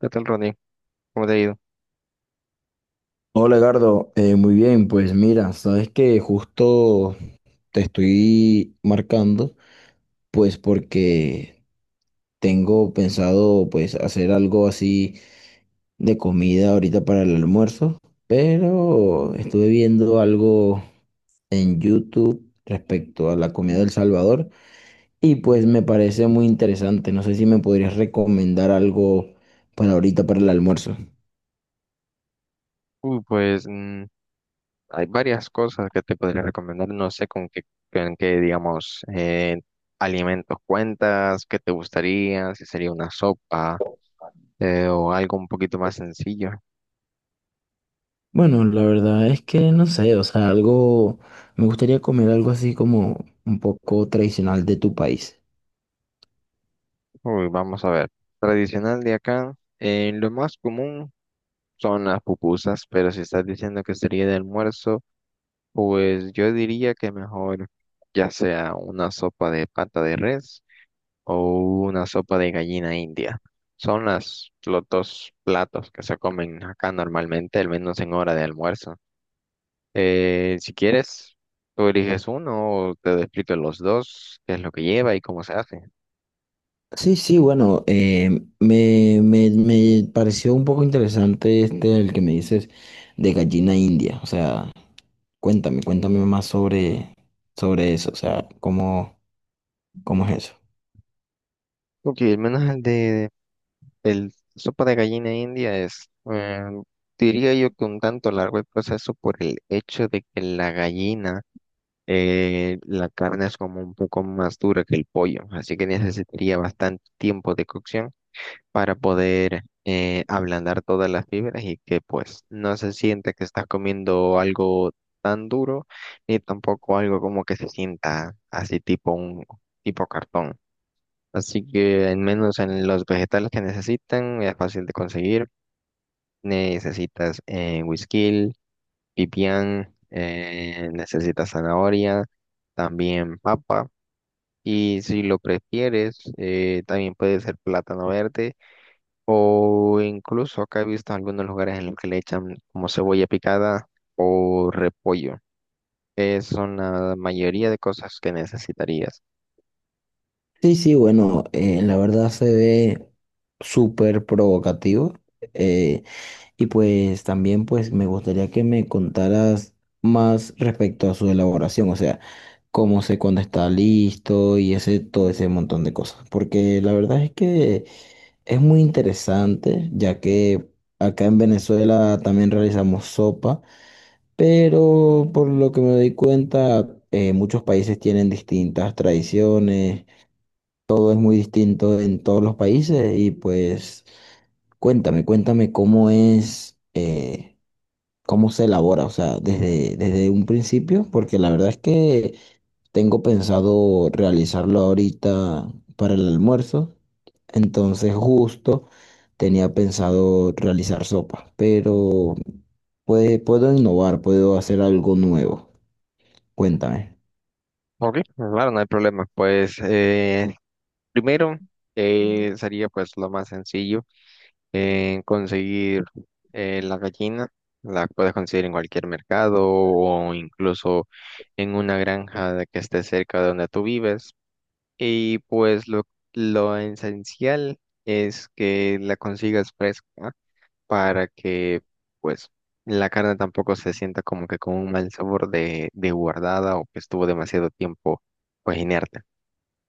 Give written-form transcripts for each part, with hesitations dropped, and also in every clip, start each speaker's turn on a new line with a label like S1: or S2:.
S1: ¿Qué tal, Ronnie? ¿Cómo te ha ido?
S2: Hola, Gardo. Muy bien, pues mira, sabes que justo te estoy marcando, pues porque tengo pensado pues hacer algo así de comida ahorita para el almuerzo, pero estuve viendo algo en YouTube respecto a la comida del Salvador y pues me parece muy interesante. No sé si me podrías recomendar algo para ahorita para el almuerzo.
S1: Uy, pues hay varias cosas que te podría recomendar. No sé con qué, digamos, alimentos cuentas, qué te gustaría, si sería una sopa o algo un poquito más sencillo.
S2: Bueno, la verdad es que no sé, o sea, algo, me gustaría comer algo así como un poco tradicional de tu país.
S1: Uy, vamos a ver. Tradicional de acá, lo más común son las pupusas, pero si estás diciendo que sería de almuerzo, pues yo diría que mejor ya sea una sopa de pata de res o una sopa de gallina india. Son los dos platos que se comen acá normalmente, al menos en hora de almuerzo. Si quieres, tú eliges uno o te explico los dos, qué es lo que lleva y cómo se hace.
S2: Sí, sí, bueno, me pareció un poco interesante este, el que me dices de gallina india, o sea, cuéntame, más sobre eso, o sea, cómo es eso.
S1: Ok, al menos el sopa de gallina india es, diría yo que un tanto largo el proceso por el hecho de que la gallina, la carne es como un poco más dura que el pollo, así que necesitaría bastante tiempo de cocción para poder ablandar todas las fibras y que pues no se sienta que estás comiendo algo tan duro ni tampoco algo como que se sienta así tipo cartón. Así que al menos en los vegetales que necesitan es fácil de conseguir. Necesitas güisquil, pipián, necesitas zanahoria, también papa. Y si lo prefieres, también puede ser plátano verde o incluso acá he visto algunos lugares en los que le echan como cebolla picada o repollo, que son la mayoría de cosas que necesitarías.
S2: Sí, sí, bueno, la verdad se ve súper provocativo. eh, Y pues también pues me gustaría que me contaras más respecto a su elaboración, o sea, cómo sé cuándo está listo y ese todo ese montón de cosas, porque la verdad es que es muy interesante, ya que acá en Venezuela también realizamos sopa, pero por lo que me doy cuenta, muchos países tienen distintas tradiciones, todo es muy distinto en todos los países y pues cuéntame, cómo es. Cómo se elabora, o sea, desde un principio, porque la verdad es que tengo pensado realizarlo ahorita para el almuerzo, entonces justo tenía pensado realizar sopa, pero puedo innovar, puedo hacer algo nuevo. Cuéntame.
S1: Ok, claro, no hay problema. Pues primero sería pues lo más sencillo, conseguir la gallina. La puedes conseguir en cualquier mercado o incluso en una granja de que esté cerca de donde tú vives. Y pues lo esencial es que la consigas fresca para que pues la carne tampoco se sienta como que con un mal sabor de guardada o que estuvo demasiado tiempo pues inerte.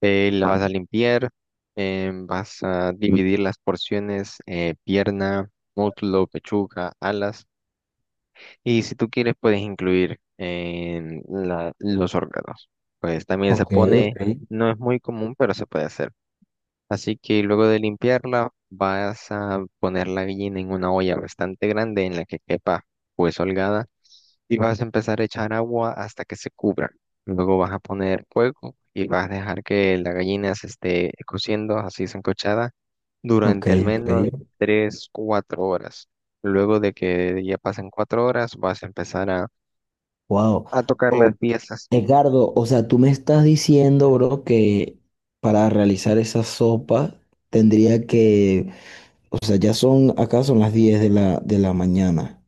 S1: La vas a limpiar, vas a dividir las porciones, pierna, muslo, pechuga, alas y si tú quieres puedes incluir los órganos. Pues también se
S2: Ok, ok,
S1: pone, no es muy común, pero se puede hacer. Así que luego de limpiarla, vas a poner la gallina en una olla bastante grande en la que quepa pues holgada y vas a empezar a echar agua hasta que se cubra. Luego vas a poner fuego y vas a dejar que la gallina se esté cociendo así sancochada
S2: ok,
S1: durante al menos
S2: ok.
S1: 3 4 horas. Luego de que ya pasen 4 horas, vas a empezar a,
S2: Wow.
S1: a tocar
S2: O,
S1: las piezas.
S2: Edgardo, o sea, tú me estás diciendo, bro, que para realizar esa sopa tendría que… O sea, ya son, acá son las 10 de la, mañana.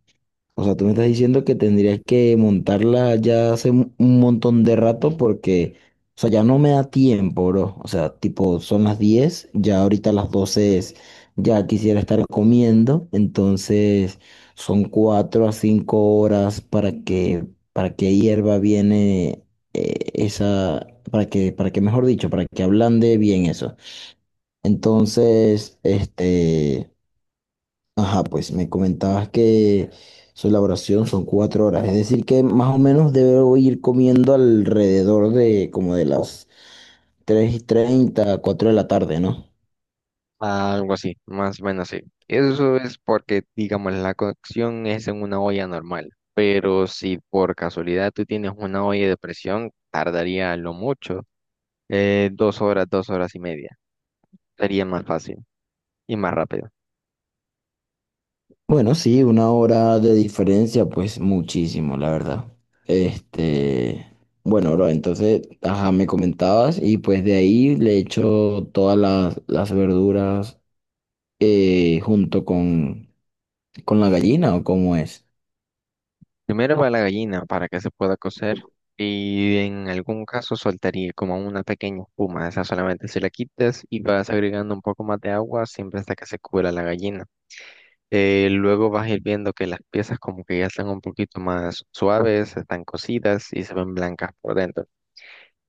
S2: O sea, tú me estás diciendo que tendrías que montarla ya hace un montón de rato porque, o sea, ya no me da tiempo, bro. O sea, tipo, son las 10, ya ahorita las 12, es, ya quisiera estar comiendo. Entonces, son 4 a 5 horas para que, para que, hierva bien para que, mejor dicho, para que ablande bien eso. Entonces, este… Ajá, pues me comentabas que su elaboración son 4 horas, es decir que más o menos debo ir comiendo alrededor de como de las 3:30, 4 de la tarde, ¿no?
S1: Ah, algo así, más o menos así. Eso es porque, digamos, la cocción es en una olla normal, pero si por casualidad tú tienes una olla de presión, tardaría a lo mucho 2 horas, 2 horas y media. Sería más fácil y más rápido.
S2: Bueno, sí, 1 hora de diferencia, pues muchísimo, la verdad. Este, bueno, bro, entonces, ajá, me comentabas y pues de ahí le echo todas las, verduras junto con la gallina o cómo es.
S1: Primero va la gallina para que se pueda cocer y en algún caso soltaría como una pequeña espuma. Esa solamente se la quitas y vas agregando un poco más de agua siempre hasta que se cubra la gallina. Luego vas a ir viendo que las piezas como que ya están un poquito más suaves, están cocidas y se ven blancas por dentro.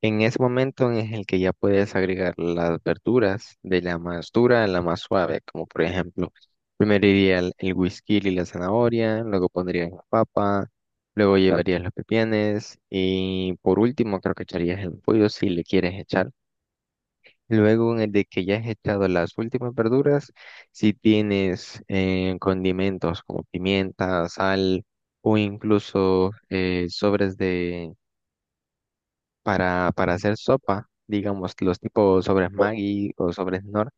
S1: En ese momento en el que ya puedes agregar las verduras de la más dura a la más suave, como por ejemplo, primero iría el whisky y la zanahoria, luego pondrías la papa, luego llevarías los pepienes y por último creo que echarías el pollo si le quieres echar. Luego, en el de que ya has echado las últimas verduras, si tienes condimentos como pimienta, sal o incluso sobres para hacer sopa, digamos los tipos sobres Maggi o sobres Knorr,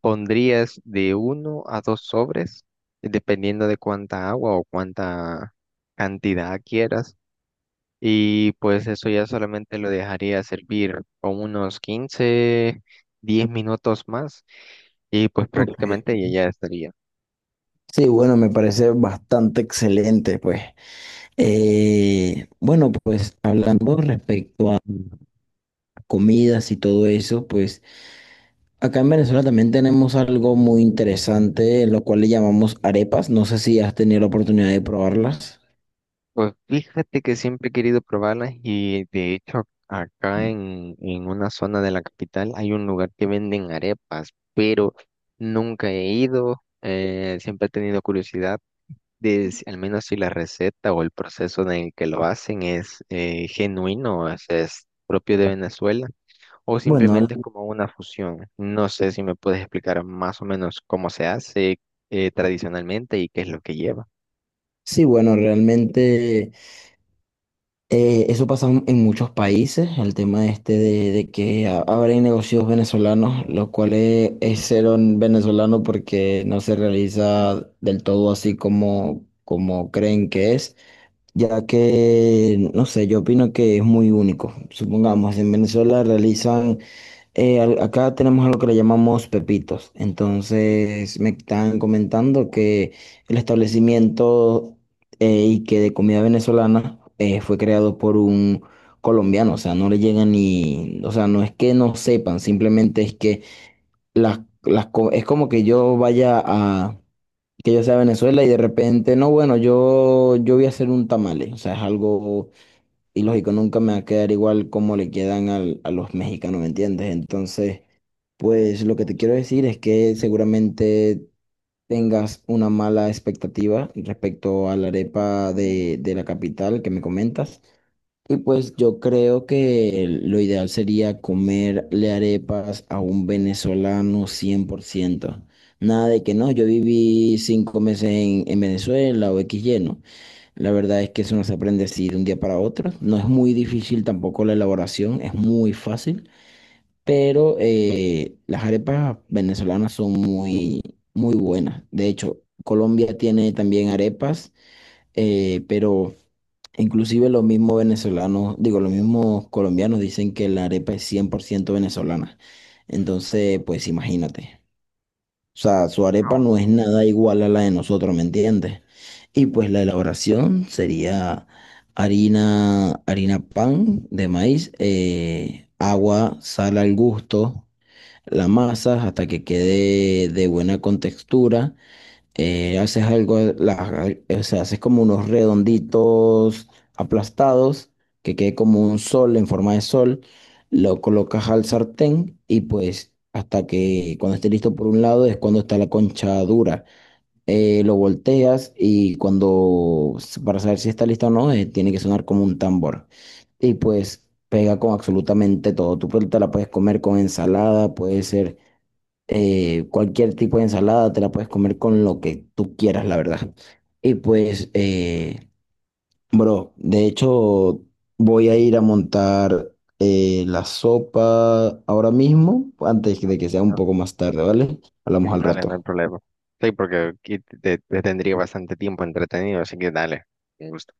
S1: pondrías de uno a dos sobres, dependiendo de cuánta agua o cuánta cantidad quieras. Y pues eso ya solamente lo dejaría servir con unos 15 10 minutos más y pues
S2: Ok.
S1: prácticamente y ya estaría.
S2: Sí, bueno, me parece bastante excelente, pues. Bueno, pues hablando respecto a comidas y todo eso, pues acá en Venezuela también tenemos algo muy interesante, lo cual le llamamos arepas. No sé si has tenido la oportunidad de probarlas.
S1: Pues fíjate que siempre he querido probarlas y de hecho acá en una zona de la capital hay un lugar que venden arepas, pero nunca he ido, siempre he tenido curiosidad de si- al menos si la receta o el proceso en el que lo hacen es genuino, es propio de Venezuela o
S2: Bueno,
S1: simplemente es como una fusión. No sé si me puedes explicar más o menos cómo se hace tradicionalmente y qué es lo que lleva.
S2: sí, bueno, realmente, eso pasa en muchos países, el tema este de que ahora hay negocios venezolanos, lo cual es, cero en venezolano porque no se realiza del todo así como creen que es, ya que, no sé, yo opino que es muy único. Supongamos, en Venezuela realizan… Acá tenemos algo que le llamamos pepitos. Entonces me están comentando que el establecimiento y que de comida venezolana fue creado por un colombiano. O sea, no le llegan ni, o sea, no es que no sepan, simplemente es que es como que yo vaya a, que yo sea a Venezuela y de repente, no, bueno, yo voy a hacer un tamale. O sea, es algo y lógico, nunca me va a quedar igual como le quedan a los mexicanos, ¿me entiendes? Entonces, pues lo que te quiero decir es que seguramente tengas una mala expectativa respecto a la arepa de, la capital que me comentas. Y pues yo creo que lo ideal sería comerle arepas a un venezolano 100%. Nada de que no, yo viví 5 meses en Venezuela o X lleno. La verdad es que eso no se aprende así de un día para otro. No es muy difícil tampoco la elaboración, es muy fácil, pero las arepas venezolanas son muy, muy buenas. De hecho, Colombia tiene también arepas, pero inclusive los mismos venezolanos, digo, los mismos colombianos dicen que la arepa es 100% venezolana. Entonces, pues imagínate. O sea, su arepa no es nada igual a la de nosotros, ¿me entiendes? Y pues la elaboración sería harina, harina pan de maíz, agua, sal al gusto, la masa hasta que quede de buena contextura haces algo, o sea, haces como unos redonditos aplastados que quede como un sol en forma de sol, lo colocas al sartén y pues hasta que cuando esté listo por un lado es cuando está la concha dura. Lo volteas y cuando, para saber si está lista o no, tiene que sonar como un tambor. Y pues pega con absolutamente todo. Tú pues, te la puedes comer con ensalada, puede ser cualquier tipo de ensalada te la puedes comer con lo que tú quieras, la verdad. Y pues, bro, de hecho, voy a ir a montar la sopa ahora mismo, antes de que sea un poco más tarde, ¿vale? Hablamos
S1: Sí,
S2: al
S1: dale, no hay
S2: rato.
S1: problema. Sí, porque aquí te tendría bastante tiempo entretenido, así que dale, un gusto.